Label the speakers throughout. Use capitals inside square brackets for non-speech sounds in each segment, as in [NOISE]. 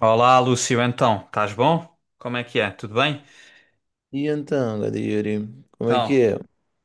Speaker 1: Olá, Lúcio, então, estás bom? Como é que é? Tudo bem?
Speaker 2: E então, Gadiri, como é
Speaker 1: Então,
Speaker 2: que é?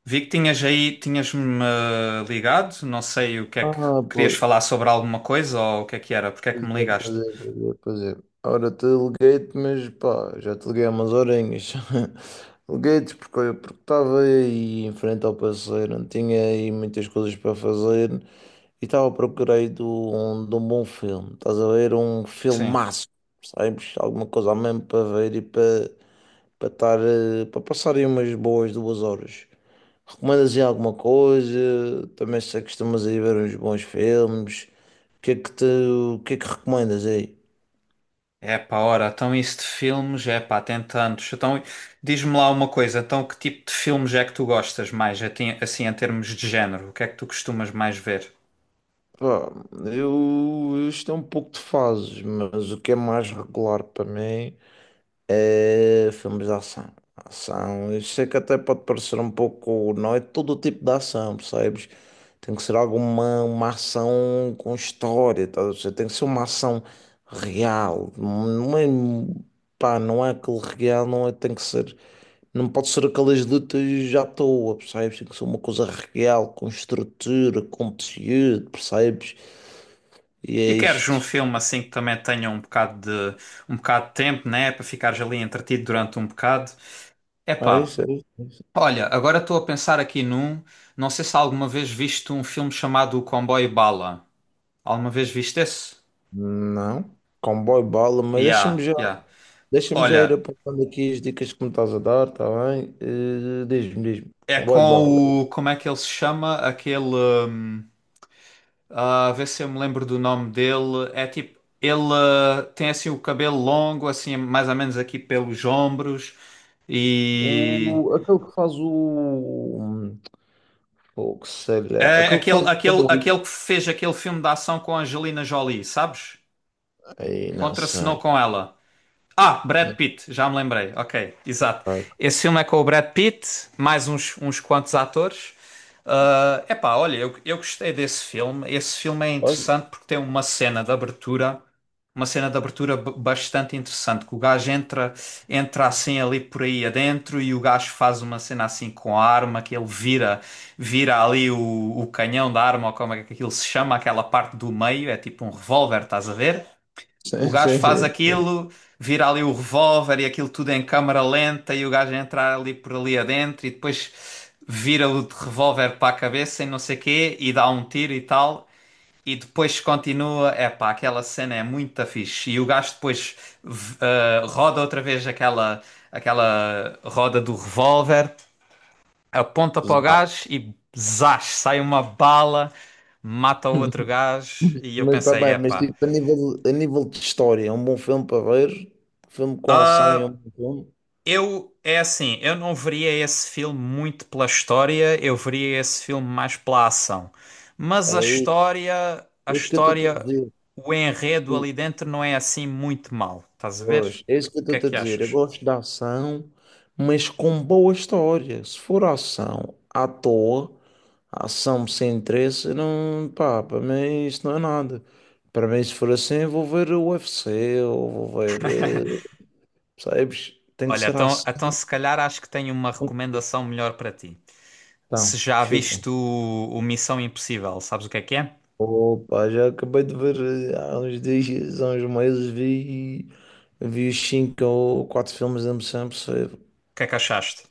Speaker 1: vi que tinhas-me ligado, não sei o que é que
Speaker 2: Ah,
Speaker 1: querias
Speaker 2: pois,
Speaker 1: falar sobre alguma coisa ou o que é que era, porque é que
Speaker 2: pois
Speaker 1: me
Speaker 2: é,
Speaker 1: ligaste?
Speaker 2: pois é, pois é, pois é. Ora, te liguei-te, mas pá, já te liguei há umas horinhas. [LAUGHS] Liguei-te porque estava aí em frente ao parceiro, não tinha aí muitas coisas para fazer e estava à procura aí de um bom filme. Estás a ver? Um
Speaker 1: Sim.
Speaker 2: filmaço, sabes? Alguma coisa mesmo para ver e para passar aí umas boas 2 horas. Recomendas aí alguma coisa? Também sei que costumas aí ver uns bons filmes. O que é que te, o que é que recomendas aí?
Speaker 1: É pá, ora, então isso de filmes, é pá, tem tantos. Então, diz-me lá uma coisa, então que tipo de filmes é que tu gostas mais, assim, em termos de género? O que é que tu costumas mais ver?
Speaker 2: Pá, isto é um pouco de fases, mas o que é mais regular para mim é filmes de ação. Ação, eu sei que até pode parecer um pouco, não é todo o tipo de ação, percebes? Tem que ser alguma uma ação com história, tá? Ou seja, tem que ser uma ação real, não é, pá, não é aquele real, não é, tem que ser. Não pode ser aquelas lutas à toa, percebes? Tem que ser uma coisa real, com estrutura, com tecido, percebes? E é
Speaker 1: E queres um
Speaker 2: isto.
Speaker 1: filme assim que também tenha um bocado de tempo, né, para ficares ali entretido durante um bocado? É
Speaker 2: É
Speaker 1: pá.
Speaker 2: isso, é isso. É isso.
Speaker 1: Olha, agora estou a pensar aqui num. Não sei se alguma vez viste um filme chamado O Comboio Bala. Alguma vez viste esse?
Speaker 2: Não, comboio bala, mas deixa-me
Speaker 1: Yeah,
Speaker 2: já,
Speaker 1: yeah.
Speaker 2: deixa-me já ir
Speaker 1: Olha,
Speaker 2: apontando aqui as dicas que me estás a dar, tá bem? Diz-me, diz-me.
Speaker 1: é
Speaker 2: Comboio bala.
Speaker 1: com o. Como é que ele se chama? Aquele. hum, ah, vê se eu me lembro do nome dele. É tipo. Ele tem assim o cabelo longo, assim, mais ou menos aqui pelos ombros. E.
Speaker 2: Aquele que faz o que sei lá,
Speaker 1: É
Speaker 2: aquele que faz
Speaker 1: aquele,
Speaker 2: o
Speaker 1: aquele,
Speaker 2: sanduíche.
Speaker 1: aquele que fez aquele filme de ação com a Angelina Jolie, sabes?
Speaker 2: Aí, não
Speaker 1: Contracenou
Speaker 2: sei.
Speaker 1: com ela. Ah,
Speaker 2: Não
Speaker 1: Brad Pitt, já me lembrei. Ok, exato.
Speaker 2: sei.
Speaker 1: Esse filme é com o Brad Pitt, mais uns quantos atores. Ah, epá, olha, eu gostei desse filme. Esse filme é
Speaker 2: Pois?
Speaker 1: interessante porque tem uma cena de abertura, uma cena de abertura bastante interessante, que o gajo entra, entra assim ali por aí adentro e o gajo faz uma cena assim com a arma, que ele vira, vira o canhão da arma, ou como é que aquilo se chama, aquela parte do meio, é tipo um revólver, estás a ver? O
Speaker 2: Sim,
Speaker 1: gajo
Speaker 2: sim,
Speaker 1: faz
Speaker 2: sim.
Speaker 1: aquilo, vira ali o revólver e aquilo tudo em câmara lenta e o gajo entra ali por ali adentro e depois vira o de revólver para a cabeça e não sei quê e dá um tiro e tal. E depois continua, epá, aquela cena é muito fixe. E o gajo depois roda outra vez aquela, aquela roda do revólver, aponta para o
Speaker 2: Zau.
Speaker 1: gajo e zás, sai uma bala, mata o outro gajo. E eu
Speaker 2: Mas está
Speaker 1: pensei,
Speaker 2: bem, mas
Speaker 1: epá.
Speaker 2: tipo, a nível de história, é um bom filme para ver, filme com ação e é um bom filme.
Speaker 1: Eu, é assim, eu não veria esse filme muito pela história, eu veria esse filme mais pela ação. Mas
Speaker 2: É isso,
Speaker 1: a
Speaker 2: é isso que eu estou a
Speaker 1: história,
Speaker 2: dizer.
Speaker 1: o enredo ali dentro não é assim muito mau. Estás a ver?
Speaker 2: Pois, é isso que
Speaker 1: O
Speaker 2: eu
Speaker 1: que é
Speaker 2: estou a
Speaker 1: que
Speaker 2: dizer. Eu
Speaker 1: achas?
Speaker 2: gosto da ação, mas com boa história. Se for ação à toa, ação sem interesse, não, pá, para mim isso não é nada. Para mim, se for assim, eu vou ver o UFC ou vou ver, sabes? Tem que
Speaker 1: Olha,
Speaker 2: ser
Speaker 1: então,
Speaker 2: ação.
Speaker 1: então se calhar acho que tenho uma recomendação melhor para ti. Se
Speaker 2: Então,
Speaker 1: já
Speaker 2: chuta.
Speaker 1: viste o Missão Impossível, sabes o que é que é? O
Speaker 2: Opa, já acabei de ver, há uns dias, há uns meses, vi os cinco ou quatro filmes da Missão Impossível.
Speaker 1: que é que achaste?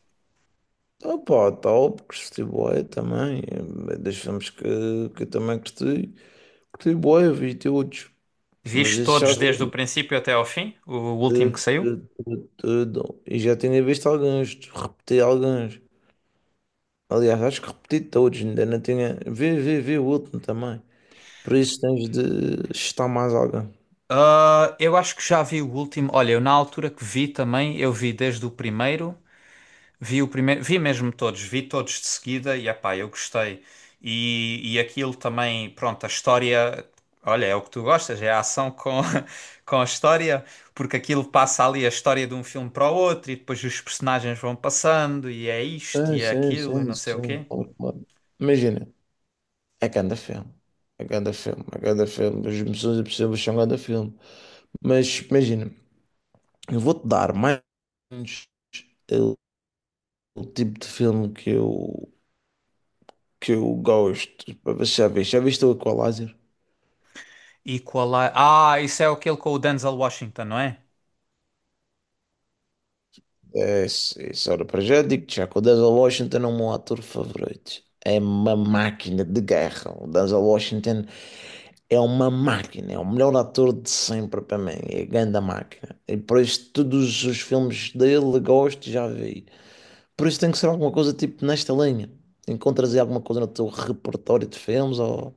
Speaker 2: Opa, top, gostei bué também, dos filmes que eu também gostei, gostei bué, vi todos, mas
Speaker 1: Viste
Speaker 2: esse já
Speaker 1: todos desde o
Speaker 2: vi
Speaker 1: princípio até ao fim? O último
Speaker 2: de-
Speaker 1: que saiu?
Speaker 2: de- tudo, e já tinha visto alguns, repeti alguns, aliás, acho que repeti todos, ainda não tinha, vi o último também, por isso tens de estar mais alguém.
Speaker 1: Ah, eu acho que já vi o último. Olha, eu na altura que vi também, eu vi desde o primeiro, vi mesmo todos, vi todos de seguida e epá, eu gostei. E aquilo também, pronto, a história, olha, é o que tu gostas, é a ação com, [LAUGHS] com a história, porque aquilo passa ali a história de um filme para o outro e depois os personagens vão passando e é isto
Speaker 2: Sim,
Speaker 1: e é
Speaker 2: sim,
Speaker 1: aquilo e
Speaker 2: sim,
Speaker 1: não sei o quê.
Speaker 2: sim. Claro, claro. Imagina, é cada filme. É cada filme, é cada filme. As missões impossíveis são cada filme. Mas imagina, eu vou-te dar mais ou menos o, o tipo de filme que eu gosto. Para ver se. Já viste? Já viste o Equalizer?
Speaker 1: E qual é? Ah, isso é aquele com o Denzel Washington, não é?
Speaker 2: É, isso era para já. Digo-te já que o Denzel Washington é o meu ator favorito. É uma máquina de guerra. O Denzel Washington é uma máquina, é o melhor ator de sempre para mim, é a grande máquina. E por isso todos os filmes dele gosto, já vi. Por isso tem que ser alguma coisa tipo nesta linha. Encontras aí alguma coisa no teu repertório de filmes ou...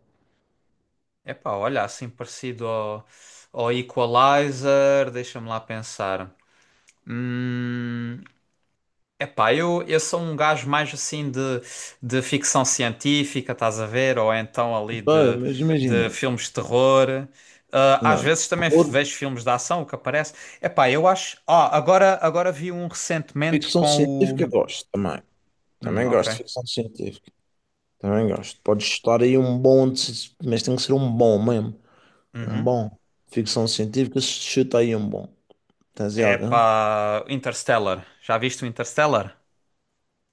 Speaker 1: Epá, olha, assim parecido ao Equalizer, deixa-me lá pensar. Hum, epá, eu sou um gajo mais assim de ficção científica, estás a ver? Ou então
Speaker 2: Pá, mas
Speaker 1: de
Speaker 2: imagina,
Speaker 1: filmes de terror. Ah, às
Speaker 2: não,
Speaker 1: vezes também
Speaker 2: horror,
Speaker 1: vejo filmes de ação, o que aparece. Epá, eu acho. Ah, agora vi um recentemente
Speaker 2: ficção
Speaker 1: com o.
Speaker 2: científica gosto também. Também
Speaker 1: Ok.
Speaker 2: gosto de ficção científica, também gosto. Podes estar aí um bom, mas tem que ser um bom mesmo, um
Speaker 1: Uhum.
Speaker 2: bom. Ficção científica, chuta aí um bom. Tens aí algum?
Speaker 1: Epá, Interstellar. Já viste o Interstellar?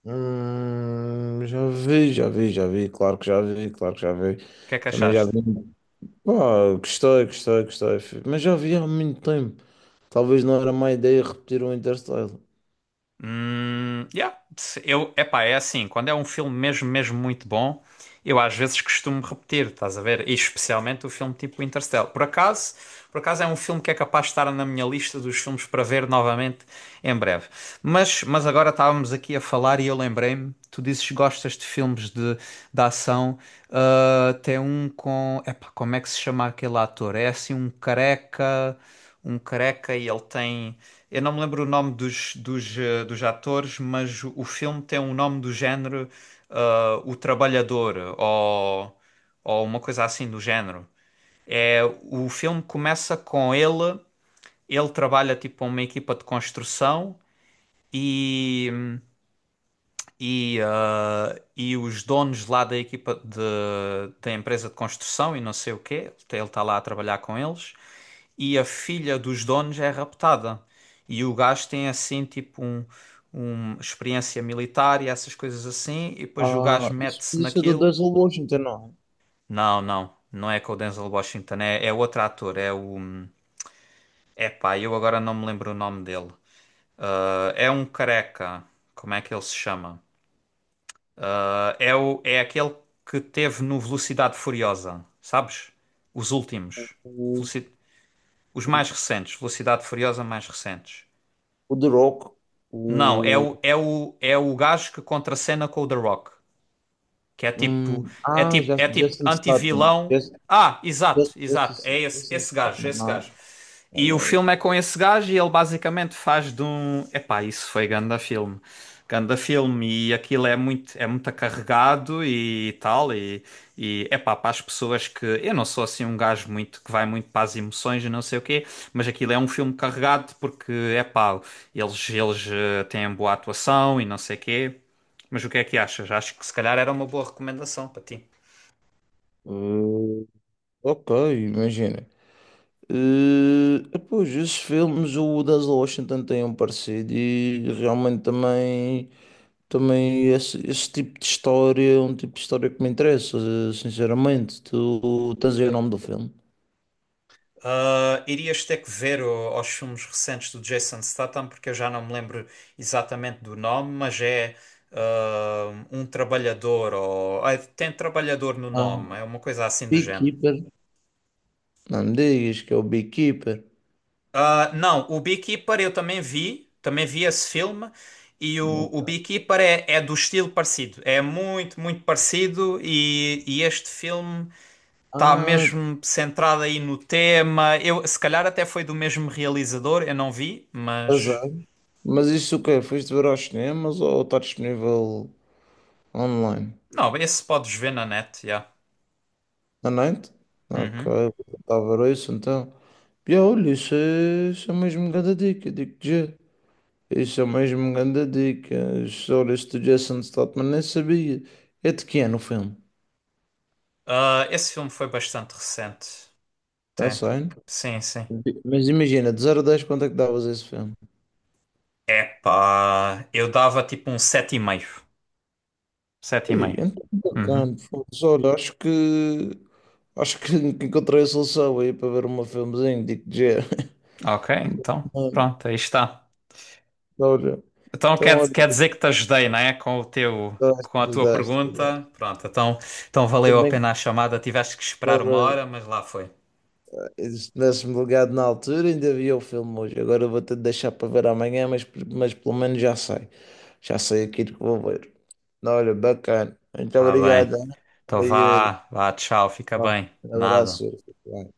Speaker 2: Já vi, já vi, já vi, claro que já vi, claro que já vi.
Speaker 1: O que é que
Speaker 2: Também já vi.
Speaker 1: achaste?
Speaker 2: Pá, gostei, gostei, gostei. Mas já vi há muito tempo. Talvez não era má ideia repetir o Interstellar.
Speaker 1: Yeah. Eu, epá, é assim, quando é um filme mesmo, mesmo muito bom, eu às vezes costumo repetir, estás a ver? E especialmente o filme tipo Interstellar. Por acaso é um filme que é capaz de estar na minha lista dos filmes para ver novamente em breve. Mas agora estávamos aqui a falar e eu lembrei-me, tu dizes que gostas de filmes de ação, ah, tem um com, epá, como é que se chama aquele ator? É assim um careca e ele tem. Eu não me lembro o nome dos atores, mas o filme tem um nome do género ah, O Trabalhador ou uma coisa assim do género. É, o filme começa com ele, ele trabalha tipo uma equipa de construção e, e e os donos lá da equipa da empresa de construção e não sei o quê, ele está lá a trabalhar com eles e a filha dos donos é raptada. E o gajo tem assim tipo um experiência militar e essas coisas assim, e depois o
Speaker 2: Ah,
Speaker 1: gajo
Speaker 2: isso
Speaker 1: mete-se
Speaker 2: podia ser do
Speaker 1: naquilo.
Speaker 2: Denzel Washington, não
Speaker 1: Não, não é com o Denzel Washington, é outro ator, é o. É pá, eu agora não me lembro o nome dele. Ah, é um careca, como é que ele se chama? Ah, é aquele que teve no Velocidade Furiosa, sabes? Os
Speaker 2: é?
Speaker 1: últimos. Veloci- Os mais recentes, Velocidade Furiosa mais recentes.
Speaker 2: O The Rock,
Speaker 1: Não,
Speaker 2: o.
Speaker 1: é o gajo que contracena com o The Rock. Que é tipo, é tipo, é tipo
Speaker 2: Jason Statham.
Speaker 1: anti-vilão. Ah, exato, exato. É esse,
Speaker 2: Jason Statham,
Speaker 1: esse
Speaker 2: não.
Speaker 1: gajo. E o
Speaker 2: é?
Speaker 1: filme é com esse gajo e ele basicamente faz de um. Epá, isso foi ganda filme. Ganda filme e aquilo é é muito carregado e tal. E epá, para as pessoas que. Eu não sou assim um gajo muito que vai muito para as emoções e não sei o quê, mas aquilo é um filme carregado porque, epá, eles têm boa atuação e não sei o quê. Mas o que é que achas? Acho que se calhar era uma boa recomendação para ti.
Speaker 2: Eh, ok, imagina. Pois, esses filmes, o Denzel Washington tem um parecido e realmente também, também esse tipo de história é um tipo de história que me interessa, sinceramente. Tu tens aí o nome do filme?
Speaker 1: Ah, irias ter que ver os filmes recentes do Jason Statham, porque eu já não me lembro exatamente do nome, mas é ah, um trabalhador, ou ah, tem trabalhador no
Speaker 2: Ah,
Speaker 1: nome, é uma coisa assim do género.
Speaker 2: Beekeeper. Não me digas que é o Beekeeper.
Speaker 1: Ah, não, o Beekeeper eu também vi esse filme, e o Beekeeper é do estilo parecido, é muito parecido, e este filme está
Speaker 2: Ah,
Speaker 1: mesmo centrado aí no tema. Eu, se calhar até foi do mesmo realizador, eu não vi,
Speaker 2: que
Speaker 1: mas.
Speaker 2: azar. Mas isso o quê? Foste ver aos cinemas ou está disponível online?
Speaker 1: Não, esse podes ver na net, já.
Speaker 2: À noite? Ok,
Speaker 1: Uhum.
Speaker 2: vou tentar ver isso então. E é, olha, isso é mesmo uma grande dica, digo-te já. Isso é mesmo uma grande dica. Isso, olha, este Jason Statham nem sabia. É de quem é o filme?
Speaker 1: Ah, esse filme foi bastante recente.
Speaker 2: Está
Speaker 1: Tem.
Speaker 2: saindo?
Speaker 1: Sim, sim.
Speaker 2: Mas imagina, de 0 a 10 quanto é que davas a esse filme?
Speaker 1: Epá, eu dava tipo um sete. Sete e meio. Sete e
Speaker 2: Ei,
Speaker 1: meio.
Speaker 2: então
Speaker 1: Uhum.
Speaker 2: bacana. Foda-se, olha, acho que [LAUGHS] que encontrei a solução aí para ver um filmezinho, digo-te já.
Speaker 1: Ok, então,
Speaker 2: [LAUGHS] Mano,
Speaker 1: pronto, aí está.
Speaker 2: olha,
Speaker 1: Então
Speaker 2: então olha,
Speaker 1: quer dizer que te ajudei, não é? Com o teu, com a
Speaker 2: daste,
Speaker 1: tua
Speaker 2: daste, daste.
Speaker 1: pergunta. Pronto, então, então valeu a
Speaker 2: Também.
Speaker 1: pena a chamada. Tiveste que esperar uma hora, mas lá foi.
Speaker 2: Se tivesse-me ligado na altura, ainda havia o filme hoje. Agora vou ter de deixar para ver amanhã, mas pelo menos já sei. Já sei aquilo que vou ver. Olha, bacana. Muito
Speaker 1: Ah, bem.
Speaker 2: obrigado. Ana.
Speaker 1: Então
Speaker 2: Anda aí, Yuri.
Speaker 1: vá, vá, tchau, fica
Speaker 2: Vá,
Speaker 1: bem.
Speaker 2: um
Speaker 1: Nada.
Speaker 2: abraço, Yuri. Fica bem.